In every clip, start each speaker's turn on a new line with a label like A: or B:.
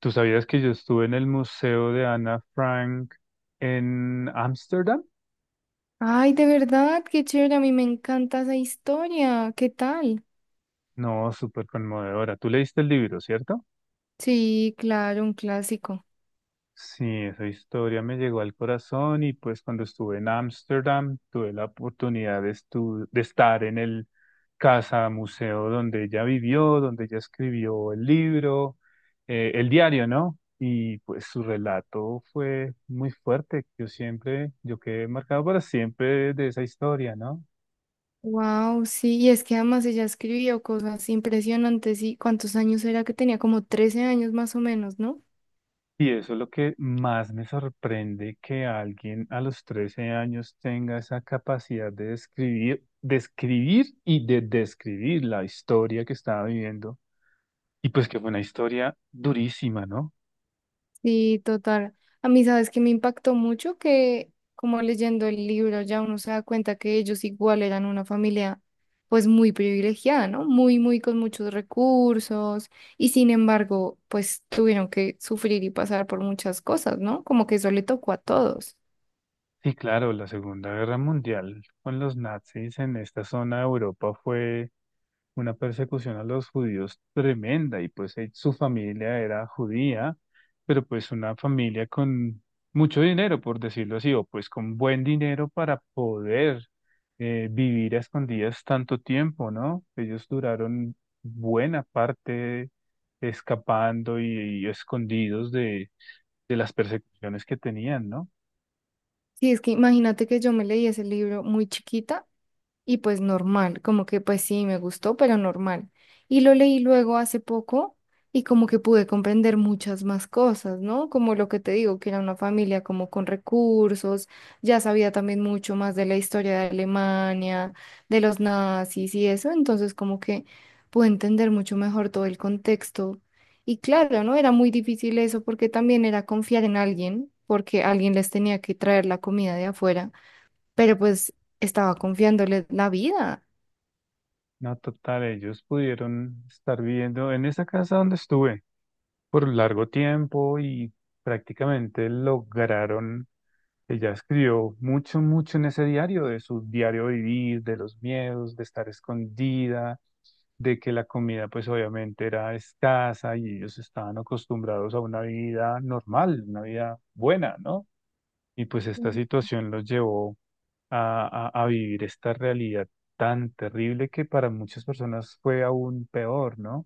A: ¿Tú sabías que yo estuve en el Museo de Ana Frank en Ámsterdam?
B: Ay, de verdad, qué chévere, a mí me encanta esa historia. ¿Qué tal?
A: No, súper conmovedora. Tú leíste el libro, ¿cierto?
B: Sí, claro, un clásico.
A: Sí, esa historia me llegó al corazón y pues cuando estuve en Ámsterdam tuve la oportunidad de estar en el casa museo donde ella vivió, donde ella escribió el libro, el diario, ¿no? Y pues su relato fue muy fuerte. Yo siempre, yo quedé marcado para siempre de esa historia, ¿no?
B: Wow, sí, y es que además ella escribió cosas impresionantes y ¿cuántos años era que tenía? Como 13 años más o menos, ¿no?
A: Y eso es lo que más me sorprende, que alguien a los 13 años tenga esa capacidad de describir, describir y de describir la historia que estaba viviendo. Y pues que fue una historia durísima, ¿no?
B: Sí, total. A mí, sabes que me impactó mucho que, como leyendo el libro, ya uno se da cuenta que ellos igual eran una familia, pues muy privilegiada, ¿no? Muy, muy con muchos recursos y sin embargo, pues tuvieron que sufrir y pasar por muchas cosas, ¿no? Como que eso le tocó a todos.
A: Sí, claro, la Segunda Guerra Mundial con los nazis en esta zona de Europa fue una persecución a los judíos tremenda y pues su familia era judía, pero pues una familia con mucho dinero, por decirlo así, o pues con buen dinero para poder vivir a escondidas tanto tiempo, ¿no? Ellos duraron buena parte escapando y escondidos de las persecuciones que tenían, ¿no?
B: Sí, es que imagínate que yo me leí ese libro muy chiquita y pues normal, como que pues sí, me gustó, pero normal. Y lo leí luego hace poco y como que pude comprender muchas más cosas, ¿no? Como lo que te digo, que era una familia como con recursos, ya sabía también mucho más de la historia de Alemania, de los nazis y eso, entonces como que pude entender mucho mejor todo el contexto. Y claro, ¿no? Era muy difícil eso porque también era confiar en alguien, porque alguien les tenía que traer la comida de afuera, pero pues estaba confiándole la vida.
A: No, total, ellos pudieron estar viviendo en esa casa donde estuve por un largo tiempo y prácticamente lograron, ella escribió mucho, mucho en ese diario, de su diario vivir, de los miedos, de estar escondida, de que la comida pues obviamente era escasa y ellos estaban acostumbrados a una vida normal, una vida buena, ¿no? Y pues
B: Y
A: esta situación los llevó a vivir esta realidad tan terrible que para muchas personas fue aún peor, ¿no?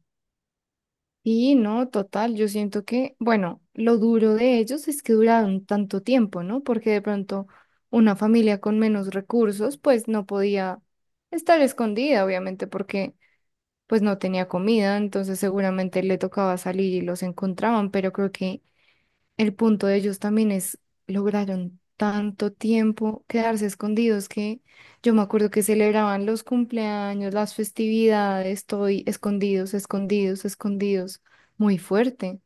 B: no, total, yo siento que, bueno, lo duro de ellos es que duraron tanto tiempo, ¿no? Porque de pronto una familia con menos recursos, pues no podía estar escondida, obviamente, porque pues no tenía comida, entonces seguramente le tocaba salir y los encontraban, pero creo que el punto de ellos también es, lograron tanto tiempo quedarse escondidos que yo me acuerdo que celebraban los cumpleaños, las festividades, estoy escondidos, escondidos, escondidos, muy fuerte.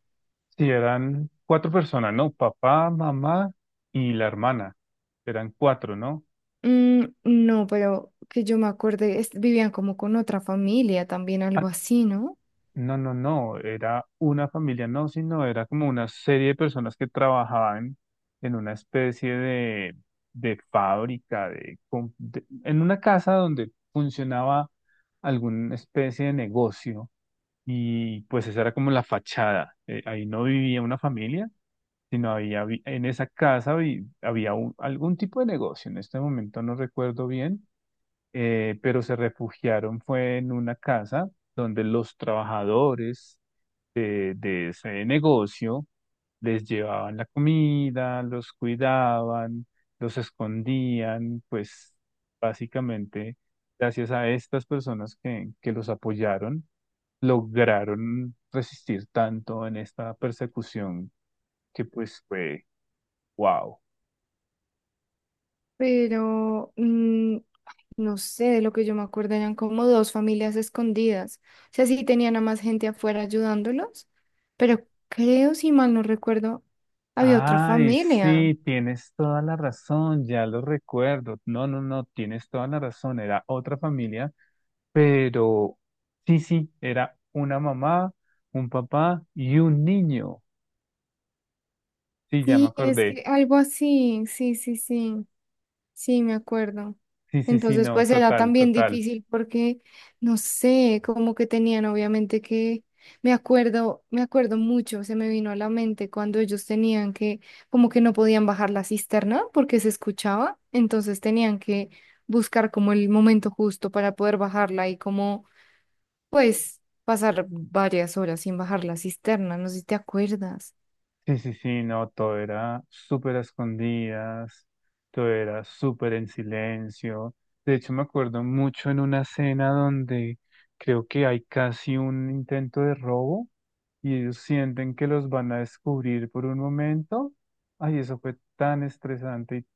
A: Sí, eran cuatro personas, ¿no? Papá, mamá y la hermana. Eran cuatro, ¿no?
B: Mm, no, pero que yo me acuerde, vivían como con otra familia también, algo así, ¿no?
A: No, era una familia, no, sino era como una serie de personas que trabajaban en una especie de fábrica, en una casa donde funcionaba alguna especie de negocio y pues esa era como la fachada. Ahí no vivía una familia, sino en esa casa había algún tipo de negocio, en este momento no recuerdo bien, pero se refugiaron fue en una casa donde los trabajadores de ese negocio les llevaban la comida, los cuidaban, los escondían, pues básicamente gracias a estas personas que los apoyaron, lograron resistir tanto en esta persecución que pues fue. Wow.
B: Pero mm, No sé, de lo que yo me acuerdo eran como dos familias escondidas. O sea, sí tenían a más gente afuera ayudándolos, pero creo, si mal no recuerdo, había otra
A: Ay,
B: familia.
A: sí, tienes toda la razón, ya lo recuerdo. No, tienes toda la razón. Era otra familia, pero sí, sí, era una mamá, un papá y un niño. Sí, ya me
B: Sí, es
A: acordé.
B: que algo así, sí, sí, sí. Sí, me acuerdo.
A: Sí, sí, sí,
B: Entonces,
A: no,
B: pues era
A: total,
B: también
A: total.
B: difícil porque, no sé, como que tenían obviamente que, me acuerdo mucho, se me vino a la mente cuando ellos tenían que, como que no podían bajar la cisterna porque se escuchaba, entonces tenían que buscar como el momento justo para poder bajarla y como, pues, pasar varias horas sin bajar la cisterna, no sé si te acuerdas.
A: Sí, sí, sí, no, todo era súper a escondidas, todo era súper en silencio. De hecho, me acuerdo mucho en una escena donde creo que hay casi un intento de robo y ellos sienten que los van a descubrir por un momento. Ay, eso fue tan estresante y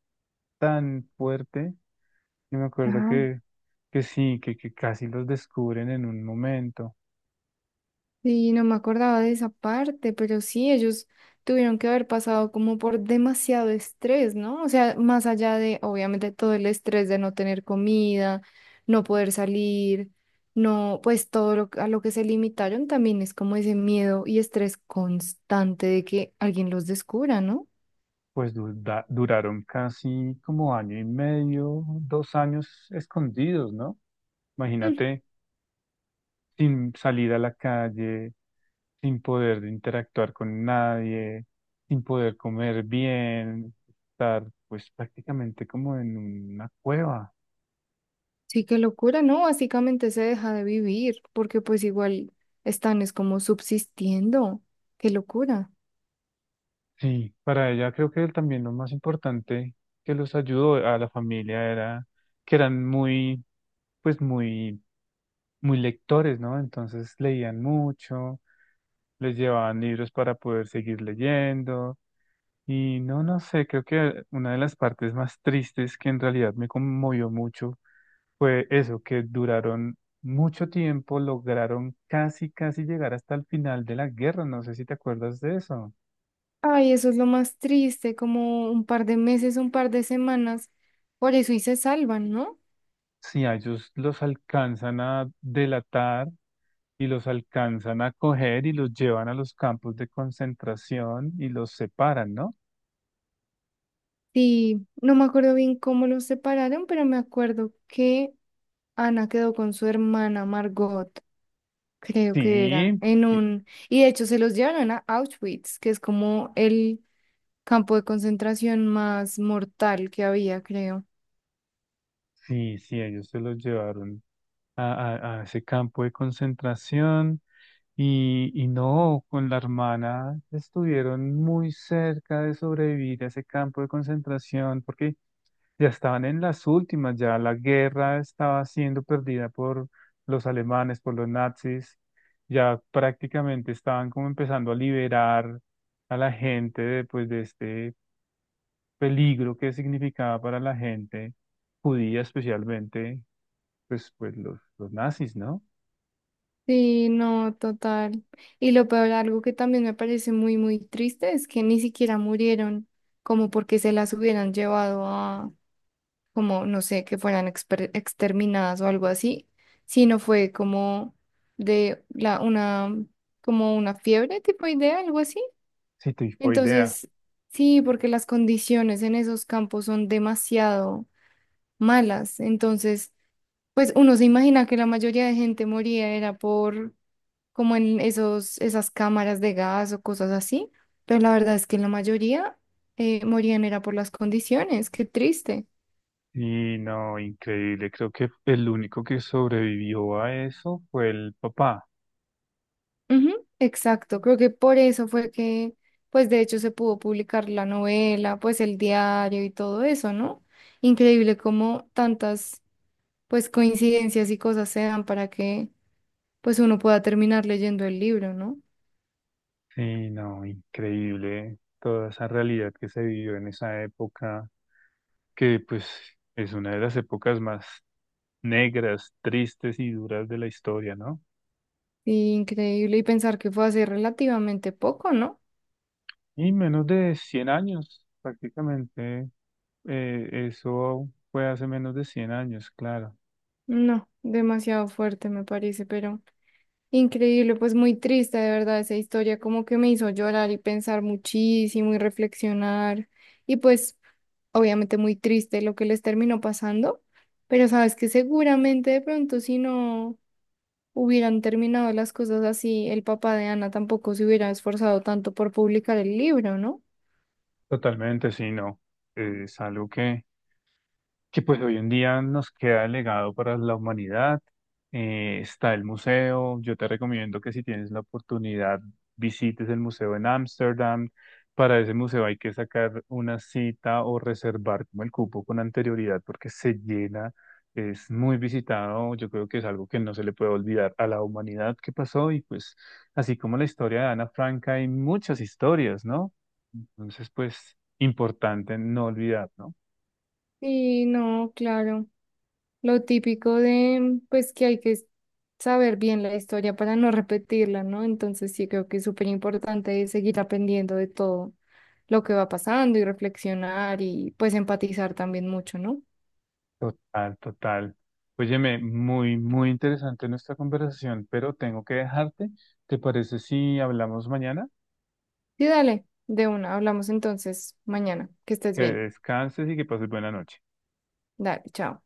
A: tan fuerte. Y me acuerdo que sí, que casi los descubren en un momento.
B: Sí, no me acordaba de esa parte, pero sí, ellos tuvieron que haber pasado como por demasiado estrés, ¿no? O sea, más allá de, obviamente, todo el estrés de no tener comida, no poder salir, no, pues todo lo, a lo que se limitaron también es como ese miedo y estrés constante de que alguien los descubra, ¿no?
A: Pues duraron casi como año y medio, 2 años escondidos, ¿no?
B: Mm.
A: Imagínate, sin salir a la calle, sin poder interactuar con nadie, sin poder comer bien, estar pues prácticamente como en una cueva.
B: Sí, qué locura, ¿no? Básicamente se deja de vivir porque pues igual están es como subsistiendo, qué locura.
A: Sí, para ella creo que también lo más importante que los ayudó a la familia era que eran pues muy, muy lectores, ¿no? Entonces leían mucho, les llevaban libros para poder seguir leyendo y no, no sé, creo que una de las partes más tristes que en realidad me conmovió mucho fue eso, que duraron mucho tiempo, lograron casi, casi llegar hasta el final de la guerra, no sé si te acuerdas de eso.
B: Ay, eso es lo más triste, como un par de meses, un par de semanas. Por eso y se salvan, ¿no?
A: Sí, a ellos los alcanzan a delatar y los alcanzan a coger y los llevan a los campos de concentración y los separan, ¿no?
B: Sí, no me acuerdo bien cómo los separaron, pero me acuerdo que Ana quedó con su hermana Margot, creo que era,
A: Sí,
B: en
A: y-
B: un... Y de hecho se los llevaron a Auschwitz, que es como el campo de concentración más mortal que había, creo.
A: sí, sí, ellos se los llevaron a ese campo de concentración y no, con la hermana estuvieron muy cerca de sobrevivir a ese campo de concentración porque ya estaban en las últimas, ya la guerra estaba siendo perdida por los alemanes, por los nazis, ya prácticamente estaban como empezando a liberar a la gente de, pues, de este peligro que significaba para la gente judía, especialmente pues, pues los nazis, ¿no?
B: Sí, no, total. Y lo peor, algo que también me parece muy, muy triste es que ni siquiera murieron, como porque se las hubieran llevado a, como, no sé, que fueran exterminadas o algo así, sino fue como de la, una, como una fiebre tipo idea, algo así.
A: Sí, idea.
B: Entonces, sí, porque las condiciones en esos campos son demasiado malas. Entonces, pues uno se imagina que la mayoría de gente moría era por como en esos, esas cámaras de gas o cosas así, pero la verdad es que la mayoría morían era por las condiciones, qué triste.
A: Y no, increíble, creo que el único que sobrevivió a eso fue el papá.
B: Ujú, exacto, creo que por eso fue que, pues de hecho se pudo publicar la novela, pues el diario y todo eso, ¿no? Increíble cómo tantas, pues coincidencias y cosas se dan para que, pues uno pueda terminar leyendo el libro, ¿no?
A: Sí, no, increíble toda esa realidad que se vivió en esa época, que pues es una de las épocas más negras, tristes y duras de la historia, ¿no?
B: Y increíble y pensar que fue hace relativamente poco, ¿no?
A: Y menos de 100 años, prácticamente, eso fue hace menos de 100 años, claro.
B: No, demasiado fuerte me parece, pero... Increíble, pues muy triste, de verdad, esa historia como que me hizo llorar y pensar muchísimo y reflexionar. Y pues obviamente muy triste lo que les terminó pasando, pero sabes que seguramente de pronto si no hubieran terminado las cosas así, el papá de Ana tampoco se hubiera esforzado tanto por publicar el libro, ¿no?
A: Totalmente, sí, no. Es algo que pues hoy en día nos queda el legado para la humanidad. Está el museo. Yo te recomiendo que si tienes la oportunidad visites el museo en Ámsterdam. Para ese museo hay que sacar una cita o reservar como el cupo con anterioridad porque se llena. Es muy visitado. Yo creo que es algo que no se le puede olvidar a la humanidad que pasó y pues así como la historia de Ana Frank hay muchas historias, ¿no? Entonces pues importante no olvidar, ¿no?
B: Y no, claro. Lo típico de, pues que hay que saber bien la historia para no repetirla, ¿no? Entonces sí creo que es súper importante seguir aprendiendo de todo lo que va pasando y reflexionar y pues empatizar también mucho, ¿no?
A: Total, total. Óyeme, muy, muy interesante nuestra conversación, pero tengo que dejarte. ¿Te parece si hablamos mañana?
B: Sí, dale, de una, hablamos entonces mañana, que estés
A: Que
B: bien.
A: descanses y que pases buena noche.
B: Dale, chao.